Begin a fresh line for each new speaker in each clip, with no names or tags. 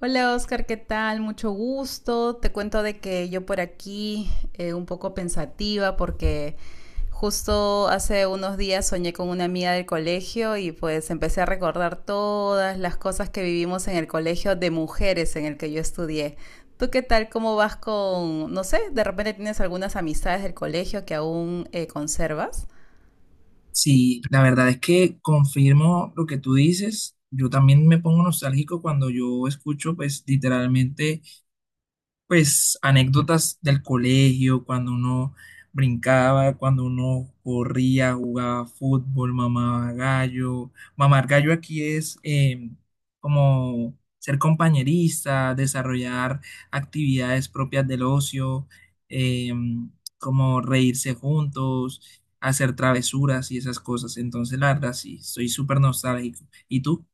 Hola Oscar, ¿qué tal? Mucho gusto. Te cuento de que yo por aquí un poco pensativa porque justo hace unos días soñé con una amiga del colegio y pues empecé a recordar todas las cosas que vivimos en el colegio de mujeres en el que yo estudié. ¿Tú qué tal? ¿Cómo vas con, no sé, de repente tienes algunas amistades del colegio que aún conservas?
Sí, la verdad es que confirmo lo que tú dices. Yo también me pongo nostálgico cuando yo escucho, pues, literalmente pues anécdotas del colegio, cuando uno brincaba, cuando uno corría, jugaba fútbol, mamaba gallo. Mamar gallo aquí es como ser compañerista, desarrollar actividades propias del ocio, eh, como reírse juntos, hacer travesuras y esas cosas. Entonces, la verdad, sí, soy súper nostálgico. ¿Y tú?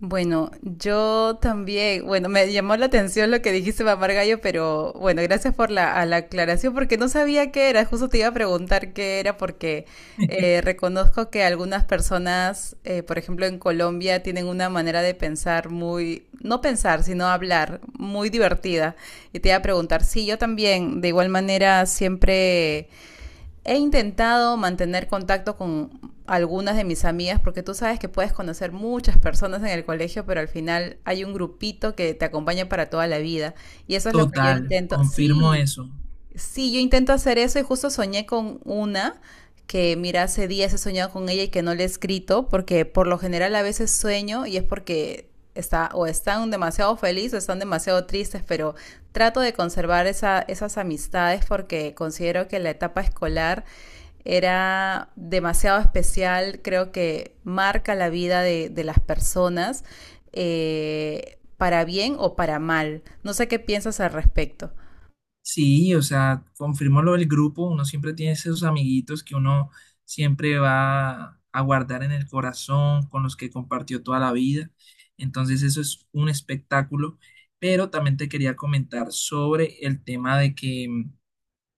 Bueno, yo también, bueno, me llamó la atención lo que dijiste, mamar gallo, pero bueno, gracias por la, a la aclaración porque no sabía qué era, justo te iba a preguntar qué era porque reconozco que algunas personas, por ejemplo en Colombia, tienen una manera de pensar muy, no pensar, sino hablar, muy divertida. Y te iba a preguntar, sí, yo también, de igual manera, siempre he intentado mantener contacto con algunas de mis amigas porque tú sabes que puedes conocer muchas personas en el colegio, pero al final hay un grupito que te acompaña para toda la vida y eso es lo que yo
Total,
intento.
confirmo
Sí,
eso.
sí, yo intento hacer eso y justo soñé con una que, mira, hace días he soñado con ella y que no le he escrito, porque por lo general a veces sueño y es porque está, o están demasiado felices o están demasiado tristes, pero trato de conservar esa- esas amistades porque considero que la etapa escolar era demasiado especial, creo que marca la vida de las personas, para bien o para mal. No sé qué piensas al respecto.
Sí, o sea, confirmó lo del grupo, uno siempre tiene esos amiguitos que uno siempre va a guardar en el corazón, con los que compartió toda la vida. Entonces eso es un espectáculo, pero también te quería comentar sobre el tema de que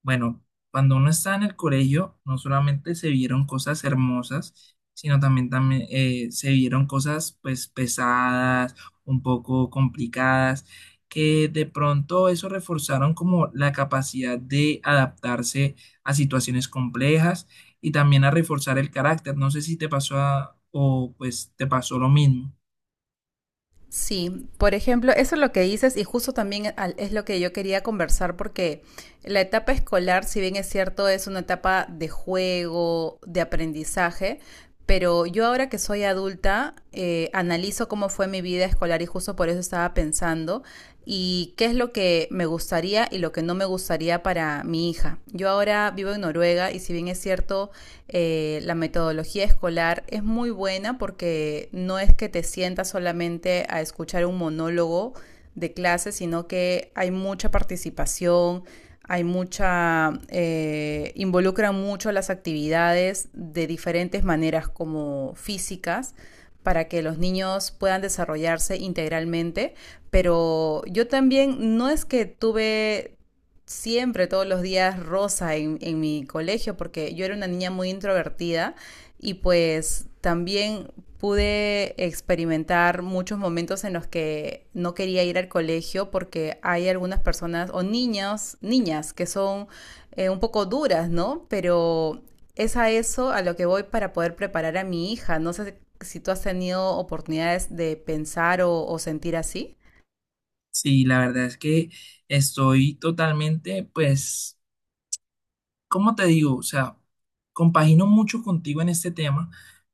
bueno, cuando uno está en el colegio, no solamente se vieron cosas hermosas, sino también se vieron cosas pues pesadas, un poco complicadas, que de pronto eso reforzaron como la capacidad de adaptarse a situaciones complejas y también a reforzar el carácter. No sé si te pasó o te pasó lo mismo.
Sí, por ejemplo, eso es lo que dices y justo también al- es lo que yo quería conversar porque la etapa escolar, si bien es cierto, es una etapa de juego, de aprendizaje, pero yo ahora que soy adulta, analizo cómo fue mi vida escolar y justo por eso estaba pensando y qué es lo que me gustaría y lo que no me gustaría para mi hija. Yo ahora vivo en Noruega y si bien es cierto, la metodología escolar es muy buena porque no es que te sientas solamente a escuchar un monólogo de clase, sino que hay mucha participación, hay mucha, involucra mucho las actividades de diferentes maneras como físicas para que los niños puedan desarrollarse integralmente, pero yo también no es que tuve siempre, todos los días rosa en mi colegio, porque yo era una niña muy introvertida y pues también pude experimentar muchos momentos en los que no quería ir al colegio porque hay algunas personas o niños, niñas que son un poco duras, ¿no? Pero es a eso a lo que voy para poder preparar a mi hija. No sé si tú has tenido oportunidades de pensar o sentir así.
Sí, la verdad es que estoy totalmente pues ¿cómo te digo? O sea, compagino mucho contigo en este tema,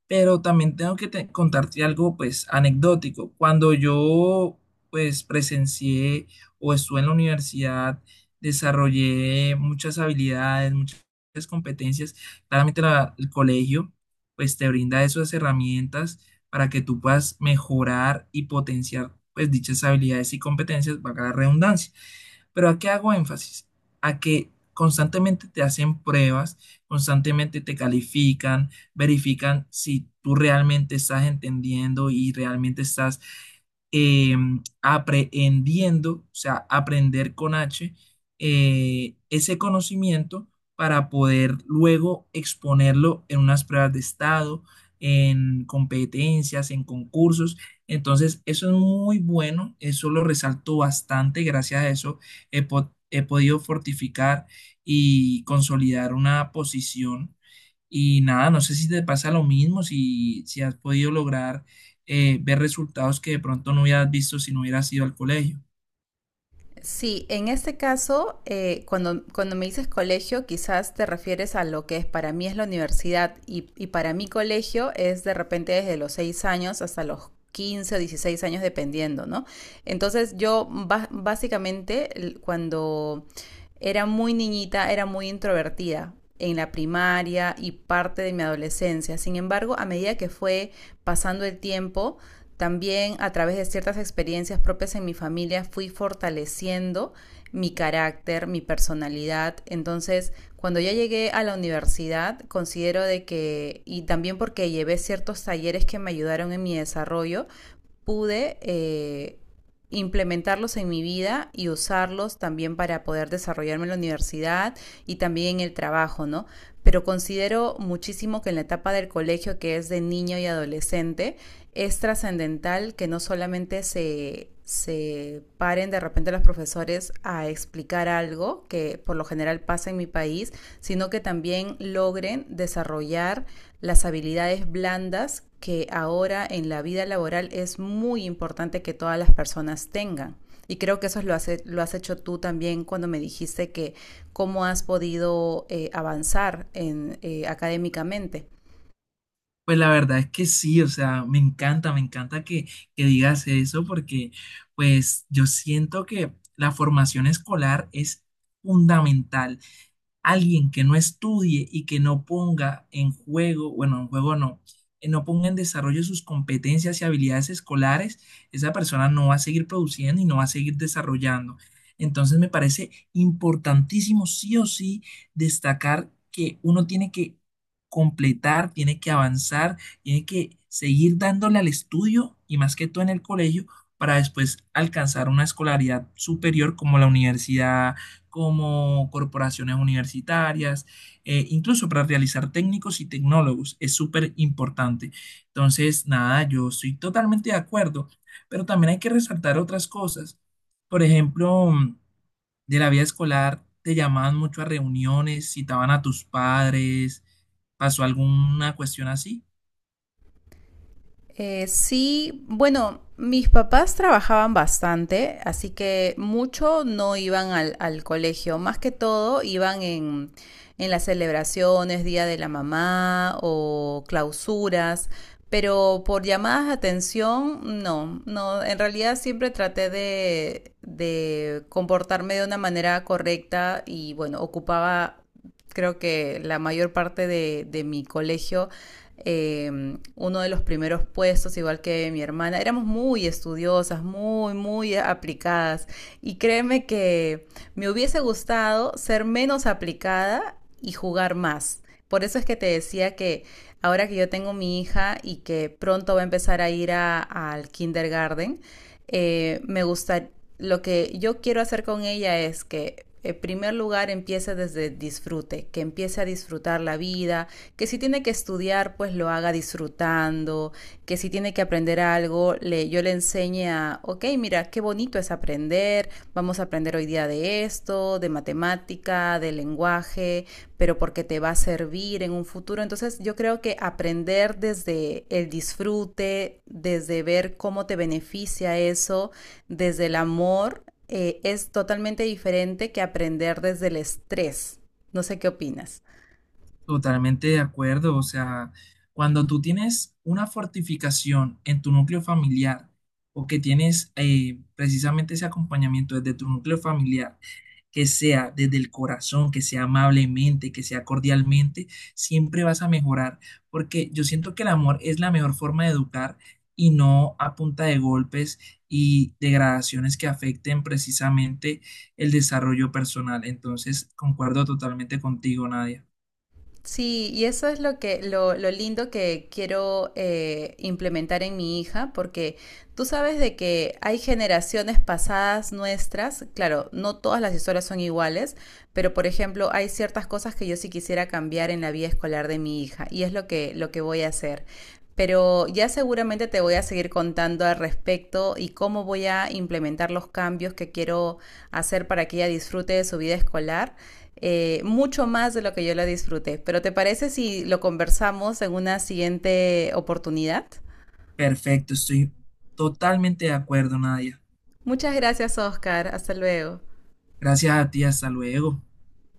pero también tengo que contarte algo, pues, anecdótico. Cuando yo, pues, presencié o estuve en la universidad, desarrollé muchas habilidades, muchas competencias. Claramente el colegio, pues, te brinda esas herramientas para que tú puedas mejorar y potenciar, pues, dichas habilidades y competencias, para la redundancia. Pero ¿a qué hago énfasis? A que constantemente te hacen pruebas, constantemente te califican, verifican si tú realmente estás entendiendo y realmente estás eh, aprehendiendo, o sea, aprender con H, ese conocimiento para poder luego exponerlo en unas pruebas de estado, en competencias, en concursos. Entonces, eso es muy bueno, eso lo resalto bastante, gracias a eso he podido fortificar y consolidar una posición. Y nada, no sé si te pasa lo mismo, si has podido lograr ver resultados que de pronto no hubieras visto si no hubieras ido al colegio.
Sí, en este caso, cuando, cuando me dices colegio, quizás te refieres a lo que es, para mí es la universidad y para mi colegio es de repente desde los 6 años hasta los 15, o 16 años dependiendo, ¿no? Entonces yo ba- básicamente l- cuando era muy niñita, era muy introvertida en la primaria y parte de mi adolescencia. Sin embargo, a medida que fue pasando el tiempo, también a través de ciertas experiencias propias en mi familia fui fortaleciendo mi carácter, mi personalidad. Entonces, cuando yo llegué a la universidad, considero de que, y también porque llevé ciertos talleres que me ayudaron en mi desarrollo, pude implementarlos en mi vida y usarlos también para poder desarrollarme en la universidad y también en el trabajo, ¿no? Pero considero muchísimo que en la etapa del colegio, que es de niño y adolescente, es trascendental que no solamente se, se paren de repente los profesores a explicar algo, que por lo general pasa en mi país, sino que también logren desarrollar las habilidades blandas que ahora en la vida laboral es muy importante que todas las personas tengan. Y creo que eso lo, hace, lo has hecho tú también cuando me dijiste que cómo has podido avanzar en, académicamente.
Pues la verdad es que sí, o sea, me encanta, que digas eso porque pues yo siento que la formación escolar es fundamental alguien que no estudie y que no ponga en juego, bueno, en juego no, no ponga en desarrollo sus competencias y habilidades escolares, esa persona no va a seguir produciendo y no va a seguir desarrollando. Entonces me parece importantísimo, sí o sí, destacar que uno tiene que completar, tiene que avanzar, tiene que seguir dándole al estudio y más que todo en el colegio para después alcanzar una escolaridad superior como la universidad como corporaciones universitarias, incluso para realizar técnicos y tecnólogos, es súper importante. Entonces, nada, yo estoy totalmente de acuerdo, pero también hay que resaltar otras cosas. Por ejemplo, de la vida escolar, te llamaban mucho a reuniones, citaban a tus padres, ¿pasó alguna cuestión así?
Sí, bueno, mis papás trabajaban bastante, así que mucho no iban al colegio, más que todo iban en las celebraciones, Día de la Mamá o clausuras, pero por llamadas de atención, no, no, en realidad siempre traté de comportarme de una manera correcta y bueno, ocupaba creo que la mayor parte de mi colegio, eh, uno de los primeros puestos, igual que mi hermana, éramos muy estudiosas, muy, muy aplicadas. Y créeme que me hubiese gustado ser menos aplicada y jugar más. Por eso es que te decía que ahora que yo tengo mi hija y que pronto va a empezar a ir a- al kindergarten, me gusta, lo que yo quiero hacer con ella es que en primer lugar empiece desde disfrute, que empiece a disfrutar la vida, que si tiene que estudiar, pues lo haga disfrutando, algo, que si tiene que aprender algo, le, yo le enseñe a, ok, mira, qué bonito es aprender, vamos a aprender hoy día de esto, de matemática, de lenguaje, pero porque te va a servir en un futuro. Entonces yo creo que aprender desde el disfrute, desde ver cómo te beneficia eso, desde el amor, es totalmente diferente que aprender desde el estrés. No sé qué opinas.
Totalmente de acuerdo, o sea, cuando tú tienes una fortificación en tu núcleo familiar o que tienes precisamente ese acompañamiento desde tu núcleo familiar, que sea desde el corazón, que sea amablemente, que sea cordialmente, siempre vas a mejorar, porque yo siento que el amor es la mejor forma de educar y no a punta de golpes y degradaciones que afecten precisamente el desarrollo personal. Entonces, concuerdo totalmente contigo, Nadia.
Sí, y eso es lo que, lo lindo que quiero implementar en mi hija, porque tú sabes de que hay generaciones pasadas nuestras, claro, no todas las historias son iguales, pero por ejemplo, hay ciertas cosas que yo sí quisiera cambiar en la vida escolar de mi hija, y es lo que voy a hacer. Pero ya seguramente te voy a seguir contando al respecto y cómo voy a implementar los cambios que quiero hacer para que ella disfrute de su vida escolar mucho más de lo que yo lo disfruté. Pero ¿te parece si lo conversamos en una siguiente oportunidad?
Perfecto, estoy totalmente de acuerdo, Nadia.
Muchas gracias, Oscar. Hasta luego.
Gracias a ti, hasta luego.